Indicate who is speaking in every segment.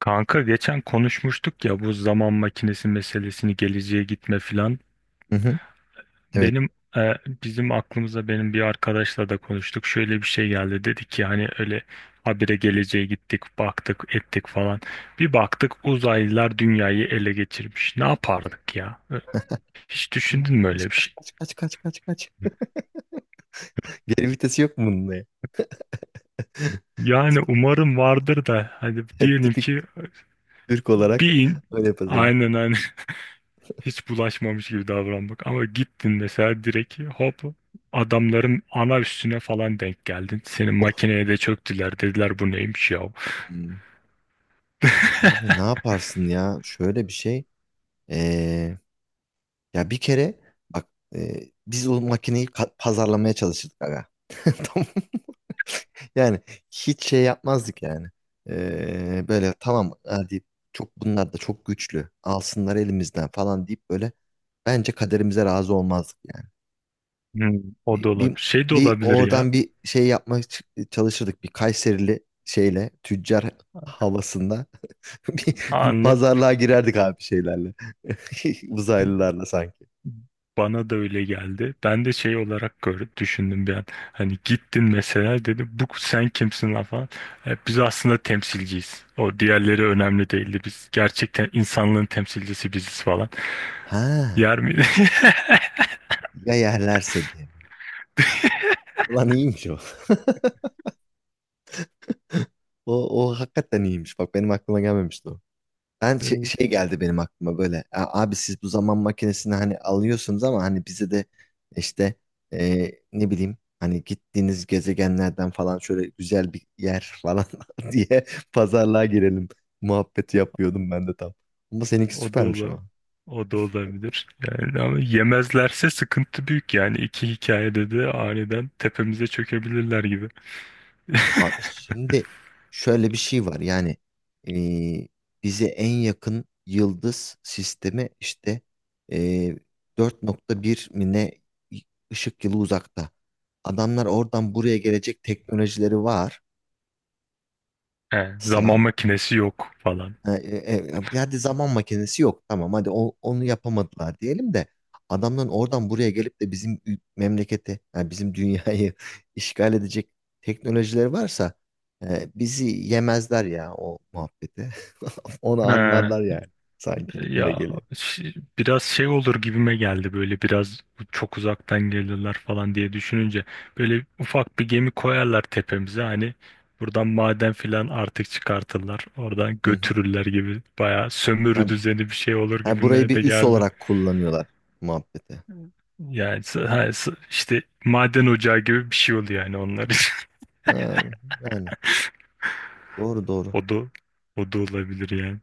Speaker 1: Kanka geçen konuşmuştuk ya bu zaman makinesi meselesini geleceğe gitme filan.
Speaker 2: Hı hı. Evet.
Speaker 1: Benim e, bizim aklımıza benim bir arkadaşla da konuştuk. Şöyle bir şey geldi. Dedi ki hani öyle habire geleceğe gittik, baktık, ettik falan. Bir baktık uzaylılar dünyayı ele geçirmiş. Ne yapardık ya? Hiç düşündün mü öyle
Speaker 2: Kaç
Speaker 1: bir
Speaker 2: kaç
Speaker 1: şey?
Speaker 2: kaç kaç kaç kaç kaç. Geri vitesi yok mu bunda
Speaker 1: Yani umarım vardır da hadi
Speaker 2: ya?
Speaker 1: diyelim
Speaker 2: Tipik
Speaker 1: ki
Speaker 2: Türk olarak
Speaker 1: bir in.
Speaker 2: öyle yaparız abi.
Speaker 1: Aynen aynen, hiç bulaşmamış gibi davranmak. Ama gittin mesela direkt hop adamların ana üstüne falan denk geldin. Senin
Speaker 2: Of.
Speaker 1: makineye de çöktüler dediler bu neymiş ya.
Speaker 2: Hmm. Abi ne yaparsın ya? Şöyle bir şey. Ee, ya bir kere bak, biz o makineyi pazarlamaya çalışırdık aga. Tamam. Yani hiç şey yapmazdık yani. Böyle tamam, hadi çok bunlar da çok güçlü. Alsınlar elimizden falan deyip böyle bence kaderimize razı olmazdık yani.
Speaker 1: Hmm, o
Speaker 2: bir,
Speaker 1: da
Speaker 2: bir,
Speaker 1: olabilir. Şey de
Speaker 2: bir
Speaker 1: olabilir ya.
Speaker 2: oradan bir şey yapmak çalışırdık. Bir Kayserili şeyle tüccar havasında bir
Speaker 1: Anla.
Speaker 2: pazarlığa girerdik abi şeylerle. Uzaylılarla sanki.
Speaker 1: Bana da öyle geldi. Ben de şey olarak görüp düşündüm bir an. Hani gittin mesela dedi bu sen kimsin lan falan. Biz aslında temsilciyiz. O diğerleri önemli değildi. Biz gerçekten insanlığın temsilcisi biziz falan.
Speaker 2: Ha,
Speaker 1: Yer miydi?
Speaker 2: ya yerlerse diye. Ulan iyiymiş o. O hakikaten iyiymiş. Bak benim aklıma gelmemişti o. Ben şey, şey geldi benim aklıma böyle. "A- Abi siz bu zaman makinesini hani alıyorsunuz ama hani bize de işte ne bileyim hani gittiğiniz gezegenlerden falan şöyle güzel bir yer falan diye pazarlığa girelim" muhabbeti yapıyordum ben de tam. Ama seninki
Speaker 1: O da
Speaker 2: süpermiş
Speaker 1: ola-
Speaker 2: ama.
Speaker 1: O da olabilir. Yani ama yemezlerse sıkıntı büyük yani. İki hikayede de aniden tepemize çökebilirler gibi.
Speaker 2: Abi şimdi şöyle bir şey var yani eee, bize en yakın yıldız sistemi işte eee 4.1 mi ne ışık yılı uzakta. Adamlar oradan buraya gelecek teknolojileri varsa.
Speaker 1: He, zaman makinesi yok falan.
Speaker 2: E, e, hadi zaman makinesi yok. Tamam hadi onu yapamadılar diyelim de adamların oradan buraya gelip de bizim memleketi, yani bizim dünyayı işgal edecek teknolojileri varsa bizi yemezler ya o muhabbeti. Onu anlarlar
Speaker 1: He,
Speaker 2: yani. Sanki gitme
Speaker 1: ya
Speaker 2: geliyor.
Speaker 1: biraz şey olur gibime geldi böyle biraz çok uzaktan gelirler falan diye düşününce böyle ufak bir gemi koyarlar tepemize hani buradan maden filan artık çıkartırlar oradan
Speaker 2: Hı hı.
Speaker 1: götürürler gibi bayağı sömürü
Speaker 2: Yani,
Speaker 1: düzeni bir şey olur
Speaker 2: yani burayı
Speaker 1: gibime
Speaker 2: bir
Speaker 1: de
Speaker 2: üs
Speaker 1: geldi.
Speaker 2: olarak kullanıyorlar muhabbeti.
Speaker 1: Yani ha, işte maden ocağı gibi bir şey oluyor yani onlar için.
Speaker 2: Ha, yani doğru doğru.
Speaker 1: O da o da olabilir yani.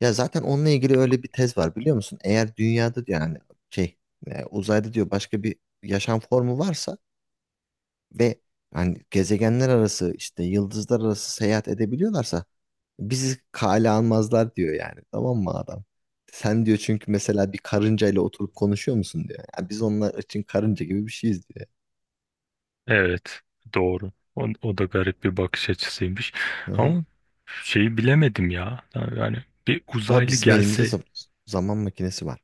Speaker 2: Ya zaten onunla ilgili öyle bir tez var biliyor musun? Eğer dünyada diyor yani şey, uzayda diyor başka bir yaşam formu varsa ve hani gezegenler arası işte yıldızlar arası seyahat edebiliyorlarsa bizi kale almazlar diyor, yani tamam mı adam? Sen diyor, çünkü mesela bir karınca ile oturup konuşuyor musun diyor. Yani biz onlar için karınca gibi bir şeyiz diyor.
Speaker 1: Evet, doğru. O, o da garip bir bakış açısıymış.
Speaker 2: Hı hı.
Speaker 1: Ama şeyi bilemedim ya. Yani bir
Speaker 2: Ama
Speaker 1: uzaylı
Speaker 2: bizim elimizde
Speaker 1: gelse
Speaker 2: zaman makinesi var.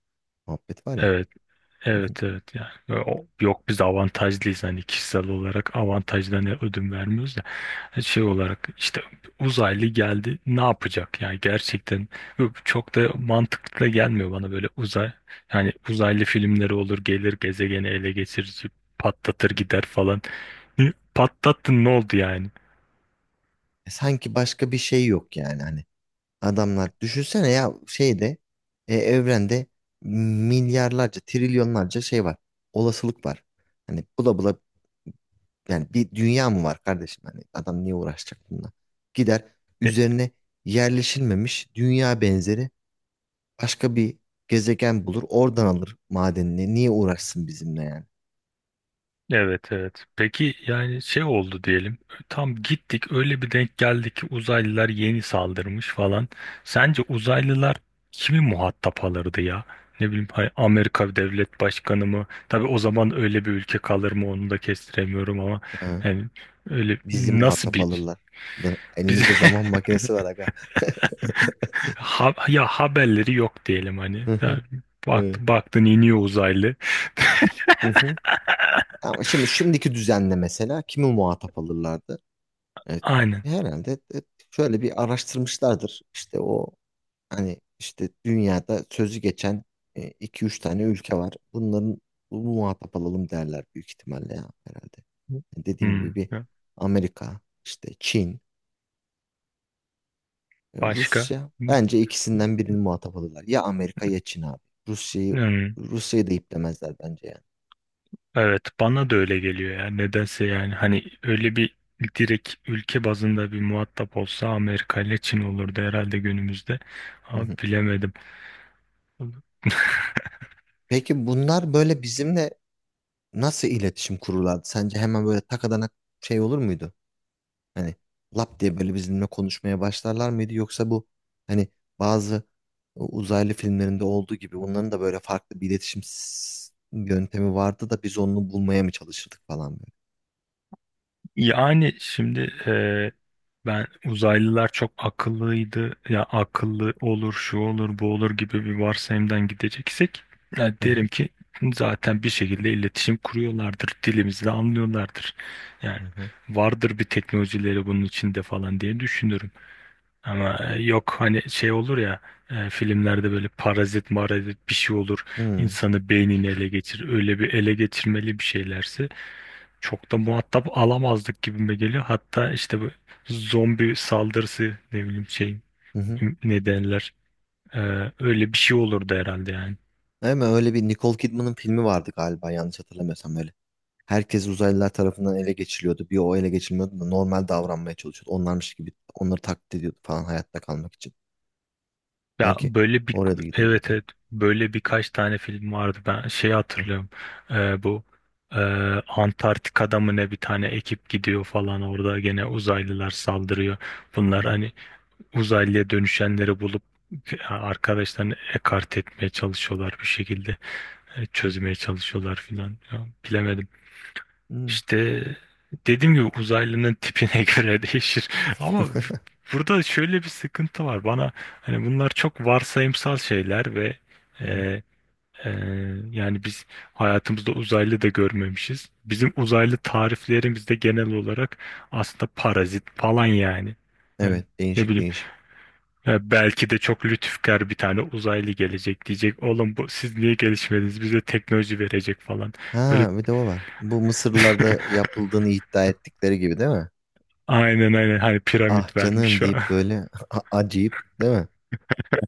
Speaker 2: Muhabbet var ya.
Speaker 1: evet.
Speaker 2: Hı hı.
Speaker 1: Evet, evet, yani yok biz avantajlıyız hani kişisel olarak avantajdan ödün vermiyoruz da. Şey olarak işte uzaylı geldi ne yapacak yani gerçekten çok da mantıklı da gelmiyor bana böyle uzay, yani uzaylı filmleri olur gelir gezegeni ele geçirir patlatır gider falan. Hı, patlattın ne oldu yani.
Speaker 2: E sanki başka bir şey yok yani. Hani adamlar. Düşünsene ya şeyde, evrende milyarlarca, trilyonlarca şey var. Olasılık var. Hani bula bula yani bir dünya mı var kardeşim? Hani adam niye uğraşacak bununla? Gider üzerine yerleşilmemiş dünya benzeri başka bir gezegen bulur. Oradan alır madenini. Niye uğraşsın bizimle yani?
Speaker 1: Evet, evet. Peki yani şey oldu diyelim. Tam gittik öyle bir denk geldi ki uzaylılar yeni saldırmış falan. Sence uzaylılar kimi muhatap alırdı ya? Ne bileyim Amerika Devlet Başkanı mı? Tabii o zaman öyle bir ülke kalır mı onu da kestiremiyorum ama
Speaker 2: Hı.
Speaker 1: yani öyle
Speaker 2: Bizi
Speaker 1: nasıl
Speaker 2: muhatap
Speaker 1: bir
Speaker 2: alırlar.
Speaker 1: bize.
Speaker 2: Elimizde zaman makinesi var aga.
Speaker 1: Ya haberleri yok diyelim hani.
Speaker 2: Hı
Speaker 1: Ya
Speaker 2: hı. Evet.
Speaker 1: baktın iniyor uzaylı.
Speaker 2: Hı hı. Ama şimdi şimdiki düzenle mesela kimi muhatap alırlardı? Evet.
Speaker 1: Aynen.
Speaker 2: Herhalde şöyle bir araştırmışlardır. İşte o hani işte dünyada sözü geçen, iki üç tane ülke var. Bunların bu muhatap alalım derler büyük ihtimalle ya herhalde. Yani dediğim gibi
Speaker 1: Hmm.
Speaker 2: bir Amerika, işte Çin,
Speaker 1: Başka?
Speaker 2: Rusya. Bence ikisinden birini muhatap alırlar. Ya Amerika ya Çin abi. Rusya'yı
Speaker 1: Hmm.
Speaker 2: Rusya'yı da iplemezler bence yani.
Speaker 1: Evet, bana da öyle geliyor ya nedense yani hani öyle bir direkt ülke bazında bir muhatap olsa Amerika ile Çin olurdu herhalde günümüzde
Speaker 2: Hı
Speaker 1: ama
Speaker 2: hı.
Speaker 1: bilemedim.
Speaker 2: Peki bunlar böyle bizimle nasıl iletişim kururlardı? Sence hemen böyle takadanak şey olur muydu? Hani lap diye böyle bizimle konuşmaya başlarlar mıydı yoksa bu hani bazı uzaylı filmlerinde olduğu gibi bunların da böyle farklı bir iletişim yöntemi vardı da biz onu bulmaya mı çalışırdık falan böyle?
Speaker 1: Yani şimdi, e, ben uzaylılar çok akıllıydı ya akıllı olur şu olur bu olur gibi bir varsayımdan gideceksek ya
Speaker 2: Hı
Speaker 1: derim
Speaker 2: hı.
Speaker 1: ki zaten bir şekilde iletişim kuruyorlardır dilimizi de anlıyorlardır yani
Speaker 2: Hı hı.
Speaker 1: vardır bir teknolojileri bunun içinde falan diye düşünürüm. Ama yok hani şey olur ya, filmlerde böyle parazit marazit bir şey olur insanı beynini ele geçir öyle bir ele geçirmeli bir şeylerse çok da muhatap alamazdık gibime geliyor, hatta işte bu zombi saldırısı ne bileyim şey
Speaker 2: Hı hı. Hı.
Speaker 1: ne derler, e, öyle bir şey olurdu herhalde yani.
Speaker 2: Hemen öyle bir Nicole Kidman'ın filmi vardı galiba, yanlış hatırlamıyorsam böyle. Herkes uzaylılar tarafından ele geçiriliyordu. Bir o ele geçirilmiyordu da normal davranmaya çalışıyordu. Onlarmış gibi onları taklit ediyordu falan, hayatta kalmak için.
Speaker 1: Ya
Speaker 2: Sanki
Speaker 1: böyle bir
Speaker 2: oraya da
Speaker 1: evet,
Speaker 2: gidebilirdi.
Speaker 1: evet, böyle birkaç tane film vardı ben şey
Speaker 2: Hı
Speaker 1: hatırlıyorum. Bu e, Antarktika'da mı ne bir tane ekip gidiyor falan orada gene uzaylılar saldırıyor,
Speaker 2: hı.
Speaker 1: bunlar
Speaker 2: Hı
Speaker 1: hani uzaylıya dönüşenleri bulup arkadaşlarını ekart etmeye çalışıyorlar bir şekilde,
Speaker 2: hı.
Speaker 1: çözmeye çalışıyorlar filan. Ya bilemedim
Speaker 2: Hmm.
Speaker 1: işte dediğim gibi uzaylının tipine göre değişir. Ama burada şöyle bir sıkıntı var. Bana hani bunlar çok varsayımsal şeyler ve e,
Speaker 2: Hı.
Speaker 1: e, yani biz hayatımızda uzaylı da görmemişiz. Bizim uzaylı tariflerimiz de genel olarak aslında parazit falan yani. Yani
Speaker 2: Evet,
Speaker 1: ne
Speaker 2: değişik
Speaker 1: bileyim,
Speaker 2: değişik.
Speaker 1: ya belki de çok lütufkar bir tane uzaylı gelecek, diyecek oğlum bu siz niye gelişmediniz? Bize teknoloji verecek falan. Böyle,
Speaker 2: Ha, bir de o var. Bu Mısırlılarda yapıldığını iddia ettikleri gibi, değil mi?
Speaker 1: aynen aynen, hani
Speaker 2: Ah
Speaker 1: piramit
Speaker 2: canım
Speaker 1: vermiş.
Speaker 2: deyip böyle acıyıp, değil mi?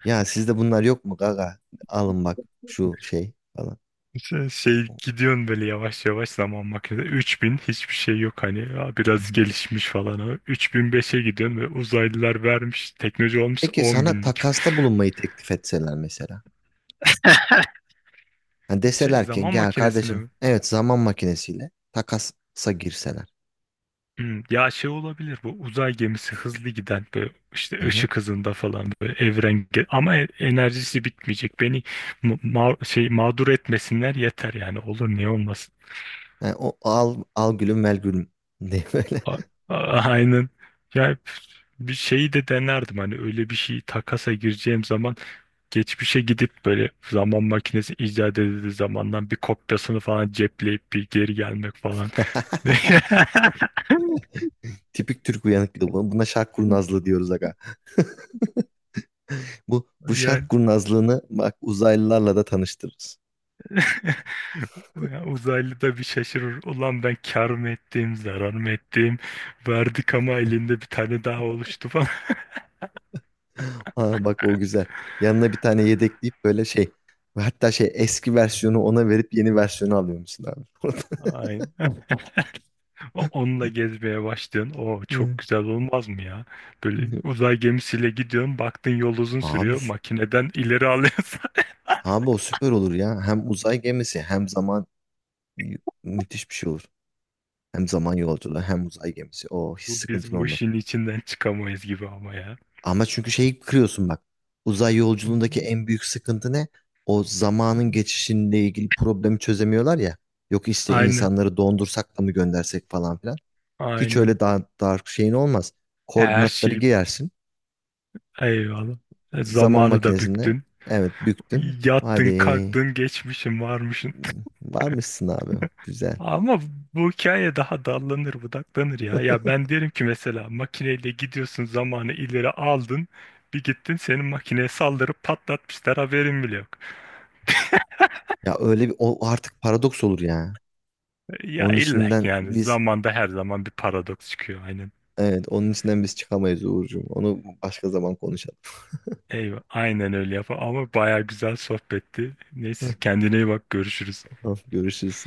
Speaker 2: Ya sizde bunlar yok mu gaga? Alın bak şu şey falan.
Speaker 1: Şey, gidiyorsun böyle yavaş yavaş zaman makinesi 3000 hiçbir şey yok hani ya
Speaker 2: Hı
Speaker 1: biraz
Speaker 2: hı.
Speaker 1: gelişmiş falan ama 3005'e gidiyorsun ve uzaylılar vermiş teknoloji olmuş
Speaker 2: Peki
Speaker 1: 10
Speaker 2: sana
Speaker 1: binlik.
Speaker 2: takasta bulunmayı teklif etseler mesela. Ha,
Speaker 1: Şey
Speaker 2: deseler ki
Speaker 1: zaman
Speaker 2: gel
Speaker 1: makinesine
Speaker 2: kardeşim,
Speaker 1: mi?
Speaker 2: evet, zaman makinesiyle takasa girseler.
Speaker 1: Ya şey olabilir bu uzay gemisi hızlı giden böyle
Speaker 2: Hı
Speaker 1: işte
Speaker 2: hı.
Speaker 1: ışık hızında falan böyle evren ama enerjisi bitmeyecek beni şey mağdur etmesinler yeter, yani olur niye olmasın.
Speaker 2: Ha, o al, al gülüm mel gülüm diye böyle.
Speaker 1: A- a- Aynen. Ya bir şeyi de denerdim hani, öyle bir şey takasa gireceğim zaman geçmişe gidip böyle zaman makinesi icat edildiği zamandan bir kopyasını falan cepleyip bir geri gelmek falan.
Speaker 2: Tipik Türk uyanıklığı bu. Buna şark kurnazlığı diyoruz aga. Bu şark
Speaker 1: Yani
Speaker 2: kurnazlığını bak uzaylılarla da tanıştırırız.
Speaker 1: ya uzaylı da bir şaşırır. Ulan ben kar mı ettim, zarar mı ettim? Verdik ama elinde bir tane daha oluştu falan.
Speaker 2: Ha, bak o güzel. Yanına bir tane yedekleyip böyle şey, ve hatta şey eski versiyonu ona verip yeni versiyonu alıyor musun abi?
Speaker 1: Aynen. Onunla gezmeye başlıyorsun. O çok
Speaker 2: Hı.
Speaker 1: güzel olmaz mı ya? Böyle
Speaker 2: Hı.
Speaker 1: uzay gemisiyle gidiyorsun. Baktın yol uzun
Speaker 2: Abi
Speaker 1: sürüyor.
Speaker 2: sü-
Speaker 1: Makineden ileri alıyorsun.
Speaker 2: abi o süper olur ya. Hem uzay gemisi hem zaman, müthiş bir şey olur. Hem zaman yolculuğu hem uzay gemisi. O hiç
Speaker 1: Biz
Speaker 2: sıkıntın
Speaker 1: bu
Speaker 2: olmaz.
Speaker 1: işin içinden çıkamayız gibi ama ya.
Speaker 2: Ama çünkü şeyi kırıyorsun bak. Uzay yolculuğundaki en büyük sıkıntı ne? O zamanın geçişinle ilgili problemi çözemiyorlar ya. Yok işte
Speaker 1: Aynen.
Speaker 2: insanları dondursak da mı göndersek falan filan. Hiç
Speaker 1: Aynen.
Speaker 2: öyle daha dark şeyin olmaz.
Speaker 1: Her
Speaker 2: Koordinatları
Speaker 1: şey
Speaker 2: girersin.
Speaker 1: eyvallah.
Speaker 2: Zaman
Speaker 1: Zamanı da
Speaker 2: makinesinde,
Speaker 1: büktün.
Speaker 2: evet, büktün. Hadi
Speaker 1: Yattın, kalktın, geçmişin varmışın.
Speaker 2: varmışsın abi. Güzel.
Speaker 1: Ama bu hikaye daha dallanır budaklanır ya. Ya ben derim ki mesela makineyle gidiyorsun zamanı ileri aldın. Bir gittin senin makineye saldırıp patlatmışlar haberin bile yok.
Speaker 2: Ya öyle bir, o artık paradoks olur ya.
Speaker 1: Ya
Speaker 2: Onun
Speaker 1: illa ki
Speaker 2: içinden
Speaker 1: yani
Speaker 2: biz,
Speaker 1: zamanda her zaman bir paradoks çıkıyor aynen.
Speaker 2: evet, onun içinden biz çıkamayız Uğurcuğum. Onu başka zaman konuşalım.
Speaker 1: Eyvah, aynen öyle yapar ama baya güzel sohbetti. Neyse kendine iyi bak, görüşürüz.
Speaker 2: Görüşürüz.